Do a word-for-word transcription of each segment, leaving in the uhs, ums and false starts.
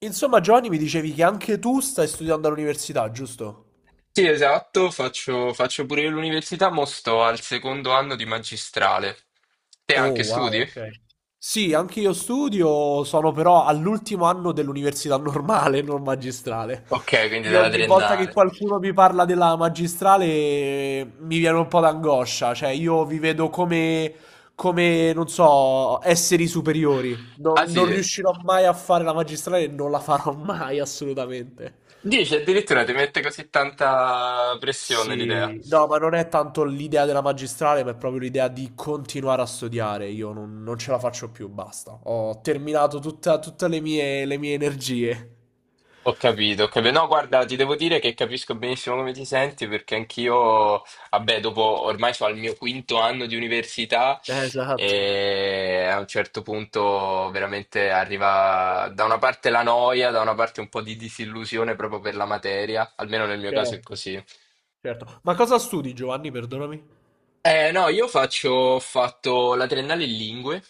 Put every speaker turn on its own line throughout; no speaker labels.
Insomma, Giovanni, mi dicevi che anche tu stai studiando all'università, giusto?
Sì, esatto, faccio, faccio pure io l'università, mo sto al secondo anno di magistrale. Te
Oh,
anche
wow,
studi?
ok. Sì, anche io studio, sono però all'ultimo anno dell'università normale, non magistrale.
Ok, quindi
Io
della
ogni volta che
triennale.
qualcuno mi parla della magistrale eh, mi viene un po' d'angoscia, cioè io vi vedo come, come, non so, esseri superiori.
Ah
Non, non
sì,
riuscirò mai a fare la magistrale e non la farò mai, assolutamente.
dici addirittura ti mette così tanta pressione l'idea.
Sì, no, ma non è tanto l'idea della magistrale, ma è proprio l'idea di continuare a studiare. Io non, non ce la faccio più, basta. Ho terminato tutta- tutte le mie, le mie energie.
Ho capito, ho capito. No, guarda, ti devo dire che capisco benissimo come ti senti perché anch'io, vabbè, dopo ormai sono al mio quinto anno di università
Eh, Esatto,
e a un certo punto veramente arriva da una parte la noia, da una parte un po' di disillusione proprio per la materia, almeno nel mio caso è
certo,
così.
certo. Ma cosa studi, Giovanni? Perdonami.
Eh, no, io faccio, ho fatto la triennale in lingue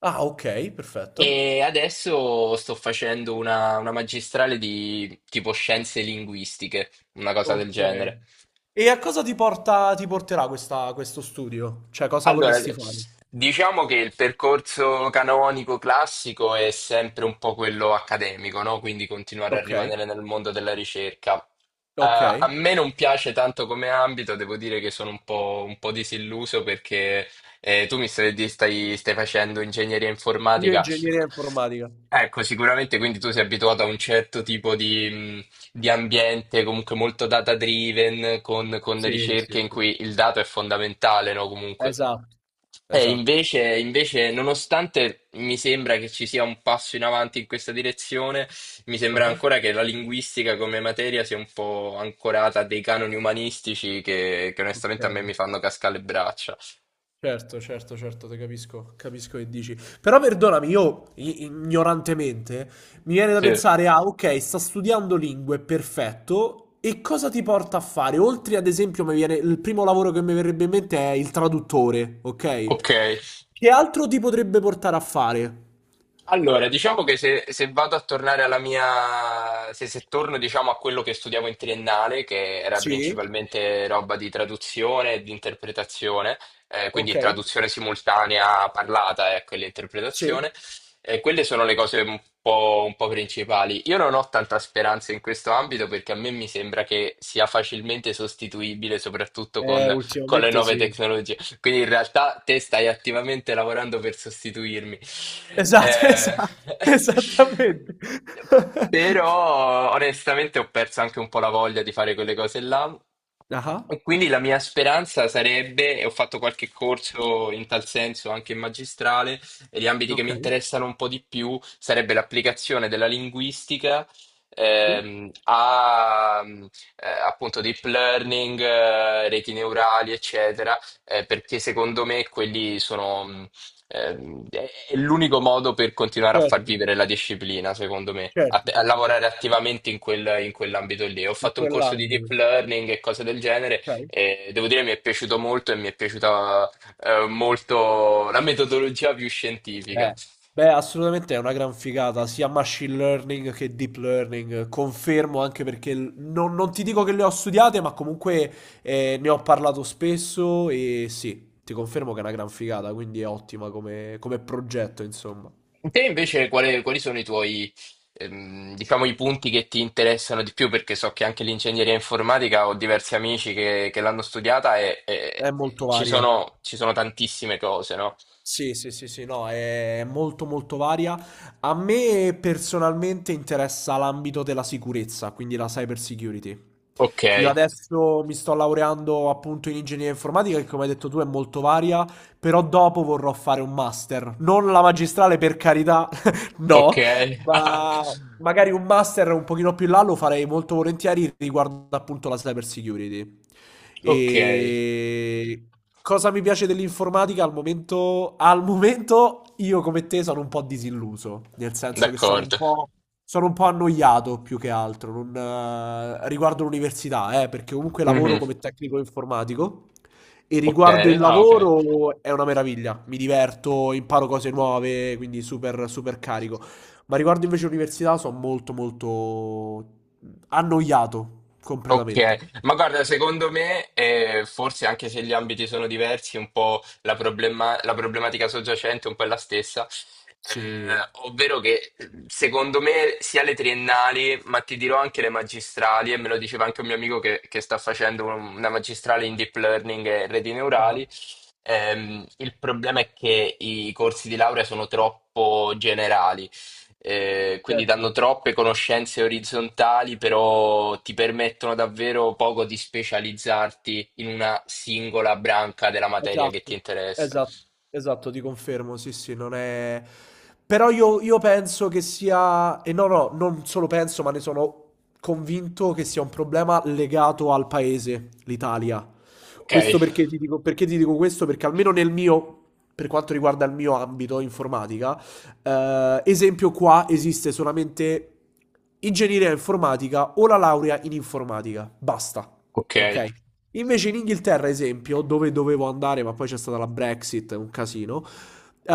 Ah, ok, perfetto.
e adesso sto facendo una una magistrale di tipo scienze linguistiche, una cosa del
Ok.
genere.
E a cosa ti porta, ti porterà questa- questo studio? Cioè, cosa
Allora,
vorresti fare?
diciamo che il percorso canonico classico è sempre un po' quello accademico, no? Quindi continuare a
Ok,
rimanere nel mondo della ricerca. Eh,
ok.
a me non piace tanto come ambito, devo dire che sono un po', un po' disilluso perché eh, tu mi stai, di- stai stai facendo ingegneria
Io
informatica.
ingegneria informatica.
Ecco, sicuramente quindi tu sei abituato a un certo tipo di, mh, di ambiente comunque molto data driven, con, con
Sì, sì,
ricerche in
sì.
cui il dato è fondamentale, no? Comunque.
Esatto,
Eh,
esatto.
invece, invece, nonostante mi sembra che ci sia un passo in avanti in questa direzione, mi sembra ancora che la linguistica come materia sia un po' ancorata a dei canoni umanistici che, che onestamente a me
Okay.
mi fanno cascare le braccia.
Certo, certo, certo, te capisco, capisco che dici. Però perdonami, io i ignorantemente mi viene da
Sì,
pensare: "Ah, okay, sta studiando lingue, perfetto, e cosa ti porta a fare?" Oltre ad esempio mi viene il primo lavoro che mi verrebbe in mente è il traduttore, okay?
ok.
Che altro ti potrebbe portare a fare?
Allora, diciamo che se, se vado a tornare alla mia, se, se torno diciamo a quello che studiavo in triennale, che era
Sì,
principalmente roba di traduzione e di interpretazione, eh, quindi
okay,
traduzione simultanea parlata, ecco, e
sì.
l'interpretazione, eh, quelle sono le cose un po', un po' principali. Io non ho tanta speranza in questo ambito perché a me mi sembra che sia facilmente sostituibile, soprattutto
Eh,
con con le
ultimamente
nuove
sì.
tecnologie. Quindi in realtà te stai attivamente lavorando per sostituirmi.
Esatto, esa
Eh,
esattamente.
Però onestamente ho perso anche un po' la voglia di fare quelle cose là.
Ah-ah,
E quindi la mia speranza sarebbe, e ho fatto qualche corso in tal senso anche in magistrale, e gli ambiti che mi
okay,
interessano un po' di più sarebbe l'applicazione della linguistica
sì,
ehm, a eh, appunto deep learning, eh, reti neurali, eccetera, eh, perché secondo me quelli sono mh, Ehm, è è l'unico modo per continuare a far
certo.
vivere la disciplina, secondo me, a,
Certo,
a
certo, certo.
lavorare attivamente in quel- in quell'ambito lì. Ho
In
fatto un corso di deep
quell'ambito,
learning e cose del genere
okay.
e devo dire mi è piaciuto molto e mi è piaciuta eh, molto la metodologia più scientifica.
Eh. Beh, assolutamente è una gran figata, sia machine learning che deep learning, confermo anche perché l- non, non ti dico che le ho studiate, ma comunque eh, ne ho parlato spesso e sì, ti confermo che è una gran figata, quindi è ottima come, come progetto, insomma.
Te invece quale- quali sono i tuoi, ehm, diciamo, i punti che ti interessano di più? Perché so che anche l'ingegneria informatica ho diversi amici che, che l'hanno studiata e,
È
e-
molto
e ci
varia.
sono, ci sono tantissime cose, no?
Sì, sì, sì, sì, no, è molto molto varia. A me personalmente interessa l'ambito della sicurezza, quindi la cyber security. Io
Okay,
adesso mi sto laureando appunto in ingegneria informatica, che come hai detto tu è molto varia, però dopo vorrò fare un master. Non la magistrale per carità, no,
okay, ah,
ma magari un master un pochino più in là lo farei molto volentieri riguardo appunto la cyber security.
okay,
E cosa mi piace dell'informatica al momento? Al momento io come te sono un po' disilluso, nel senso che sono un
d'accordo.
po', sono un po' annoiato più che altro non, eh, riguardo l'università, eh, perché comunque lavoro
Mh-mh,
come tecnico informatico. E riguardo il
okay, ah okay.
lavoro è una meraviglia, mi diverto, imparo cose nuove, quindi super, super carico. Ma riguardo invece l'università sono molto molto annoiato completamente.
Ok, ma guarda, secondo me, eh, forse anche se gli ambiti sono diversi, un po' la, problema- la problematica soggiacente è un po' è la stessa.
Sì.
Eh, ovvero che secondo me sia le triennali, ma ti dirò anche le magistrali, e me lo diceva anche un mio amico che, che sta facendo un- una magistrale in deep learning e reti
Ah,
neurali, ehm, il problema è che i corsi di laurea sono troppo generali. Eh, quindi
certo.
danno troppe conoscenze orizzontali, però ti permettono davvero poco di specializzarti in una singola branca della materia che
Esatto,
ti interessa.
esat esatto, ti confermo, sì, sì, non è però io io penso che sia e no, no, non solo penso, ma ne sono convinto che sia un problema legato al paese, l'Italia.
Ok,
Questo perché ti dico perché ti dico questo? Perché almeno nel mio per quanto riguarda il mio ambito informatica, ehm, esempio qua esiste solamente ingegneria informatica o la laurea in informatica, basta,
ok.
okay? Invece in Inghilterra, esempio, dove dovevo andare, ma poi c'è stata la Brexit, un casino,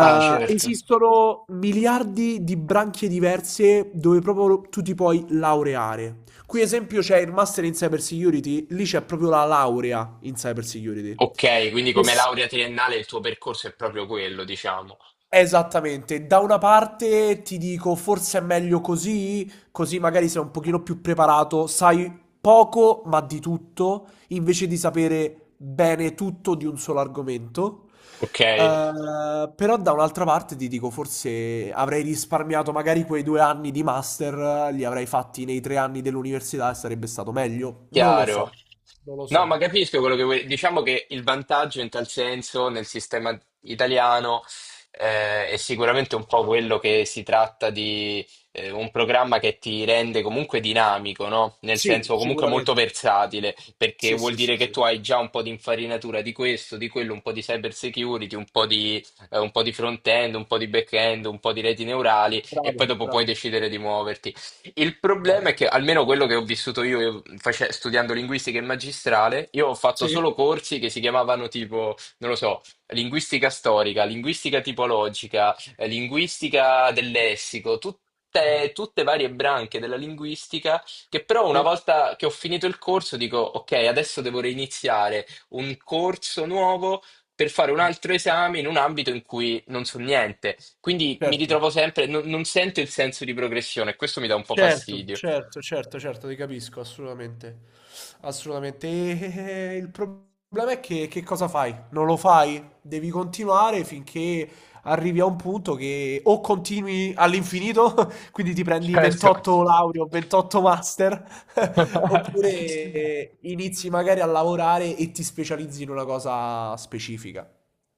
Ah, certo.
esistono miliardi di branche diverse dove proprio tu ti puoi laureare. Qui, esempio, c'è il Master in Cyber Security, lì c'è proprio la laurea in Cyber Security.
Ok, quindi
Che
come
s-
laurea triennale il tuo percorso è proprio quello, diciamo.
Esattamente, da una parte ti dico forse è meglio così, così magari sei un pochino più preparato, sai poco ma di tutto, invece di sapere bene tutto di un solo argomento.
Ok.
Eh, però da un'altra parte ti dico forse avrei risparmiato magari quei due anni di master, eh, li avrei fatti nei tre anni dell'università e sarebbe stato meglio. Non lo so,
Chiaro.
non lo
No, ma
so.
capisco quello che vuoi. Diciamo che il vantaggio in tal senso nel sistema italiano eh, è sicuramente un po' quello che si tratta di eh, un programma che ti rende comunque dinamico, no? Nel
Sì,
senso comunque molto
sicuramente.
versatile, perché
Sì,
vuol
sì, sì,
dire che
sì.
tu hai già un po' di infarinatura di questo, di quello, un po' di cyber security, un po' di, eh, un po' di front-end, un po' di back-end, un po' di reti neurali e poi
Bravo,
dopo puoi
bravo,
decidere di muoverti. Il problema
bravo.
è che, almeno quello che ho vissuto io, io face- studiando linguistica in magistrale, io ho fatto
Sì.
solo corsi che si chiamavano tipo, non lo so, linguistica storica, linguistica tipologica, eh, linguistica del lessico, tutte, tutte varie branche della linguistica, che però una
Sì.
volta che ho finito il corso dico, ok, adesso devo reiniziare un corso nuovo per fare un altro esame in un ambito in cui non so niente. Quindi mi
Certo,
ritrovo sempre, non, non sento il senso di progressione, questo mi dà un po'
certo,
fastidio.
certo, certo, certo, ti capisco, assolutamente. Assolutamente. E il problema è che, che cosa fai? Non lo fai? Devi continuare finché arrivi a un punto che o continui all'infinito, quindi ti prendi
Certo.
ventotto lauree o ventotto master, oppure inizi magari a lavorare e ti specializzi in una cosa specifica,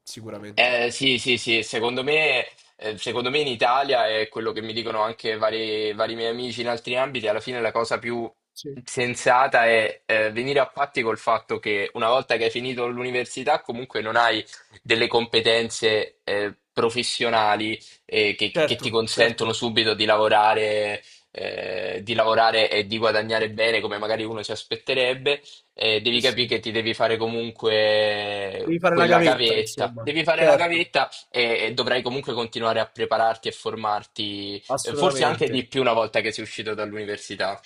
sicuramente.
Eh, sì, sì, sì, secondo me, eh, secondo me in Italia è quello che mi dicono anche vari, vari miei amici in altri ambiti, alla fine la cosa più
Sì,
sensata è eh, venire a patti col fatto che una volta che hai finito l'università comunque non hai delle competenze eh, professionali eh, che, che ti
certo,
consentono
certo.
subito di lavorare, eh, di lavorare e di guadagnare bene come magari uno si aspetterebbe eh,
Sì,
devi
sì.
capire che ti devi fare comunque
Devi fare la
quella
gavetta,
gavetta.
insomma.
Devi fare la
Certo,
gavetta e, e dovrai comunque continuare a prepararti e formarti, eh, forse anche
assolutamente.
di più una volta che sei uscito dall'università.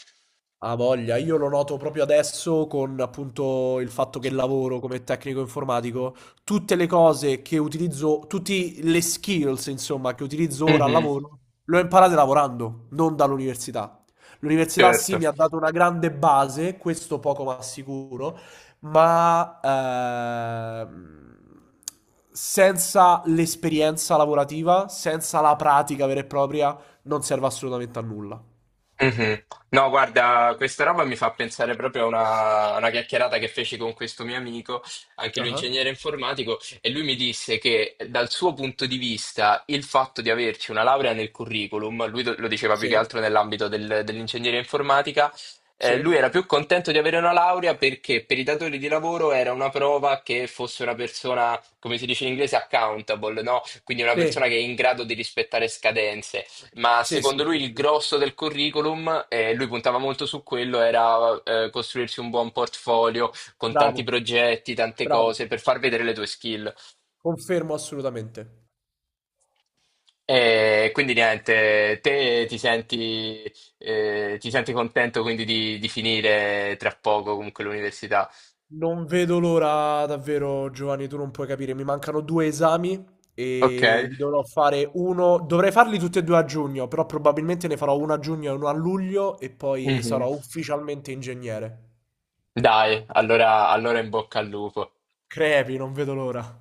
Ha voglia, io lo noto proprio adesso con appunto il fatto che lavoro come tecnico informatico, tutte le cose che utilizzo, tutte le skills insomma che utilizzo ora al
Mhm,
lavoro, le ho imparate lavorando, non dall'università. L'università sì
certo.
mi ha dato una grande base, questo poco ma sicuro, ma ehm, senza l'esperienza lavorativa, senza la pratica vera e propria, non serve assolutamente a nulla.
Mhm. No, guarda, questa roba mi fa pensare proprio a una, a una chiacchierata che feci con questo mio amico, anche lui
Ah,
ingegnere informatico, e lui mi disse che dal suo punto di vista il fatto di averci una laurea nel curriculum, lui do- lo diceva più che
sì.
altro nell'ambito del- dell'ingegneria informatica,
Sì,
eh, lui era più contento di avere una laurea perché per i datori di lavoro era una prova che fosse una persona, come si dice in inglese, accountable, no? Quindi una
sì,
persona che è in grado di rispettare scadenze. Ma
sì,
secondo
sì,
lui
sì,
il
sì.
grosso del curriculum, e lui puntava molto su quello, era eh, costruirsi un buon portfolio con tanti
Bravo,
progetti, tante
bravo.
cose per far vedere le tue skill.
Confermo assolutamente.
E quindi niente, te ti senti, eh, ti senti contento quindi di, di finire tra poco comunque l'università?
Non vedo l'ora davvero, Giovanni, tu non puoi capire. Mi mancano due esami
Ok.
e li dovrò fare uno. Dovrei farli tutti e due a giugno, però probabilmente ne farò uno a giugno e uno a luglio e poi sarò
Mhm.
ufficialmente ingegnere.
Dai, allora allora in bocca al lupo.
Crepi, non vedo l'ora.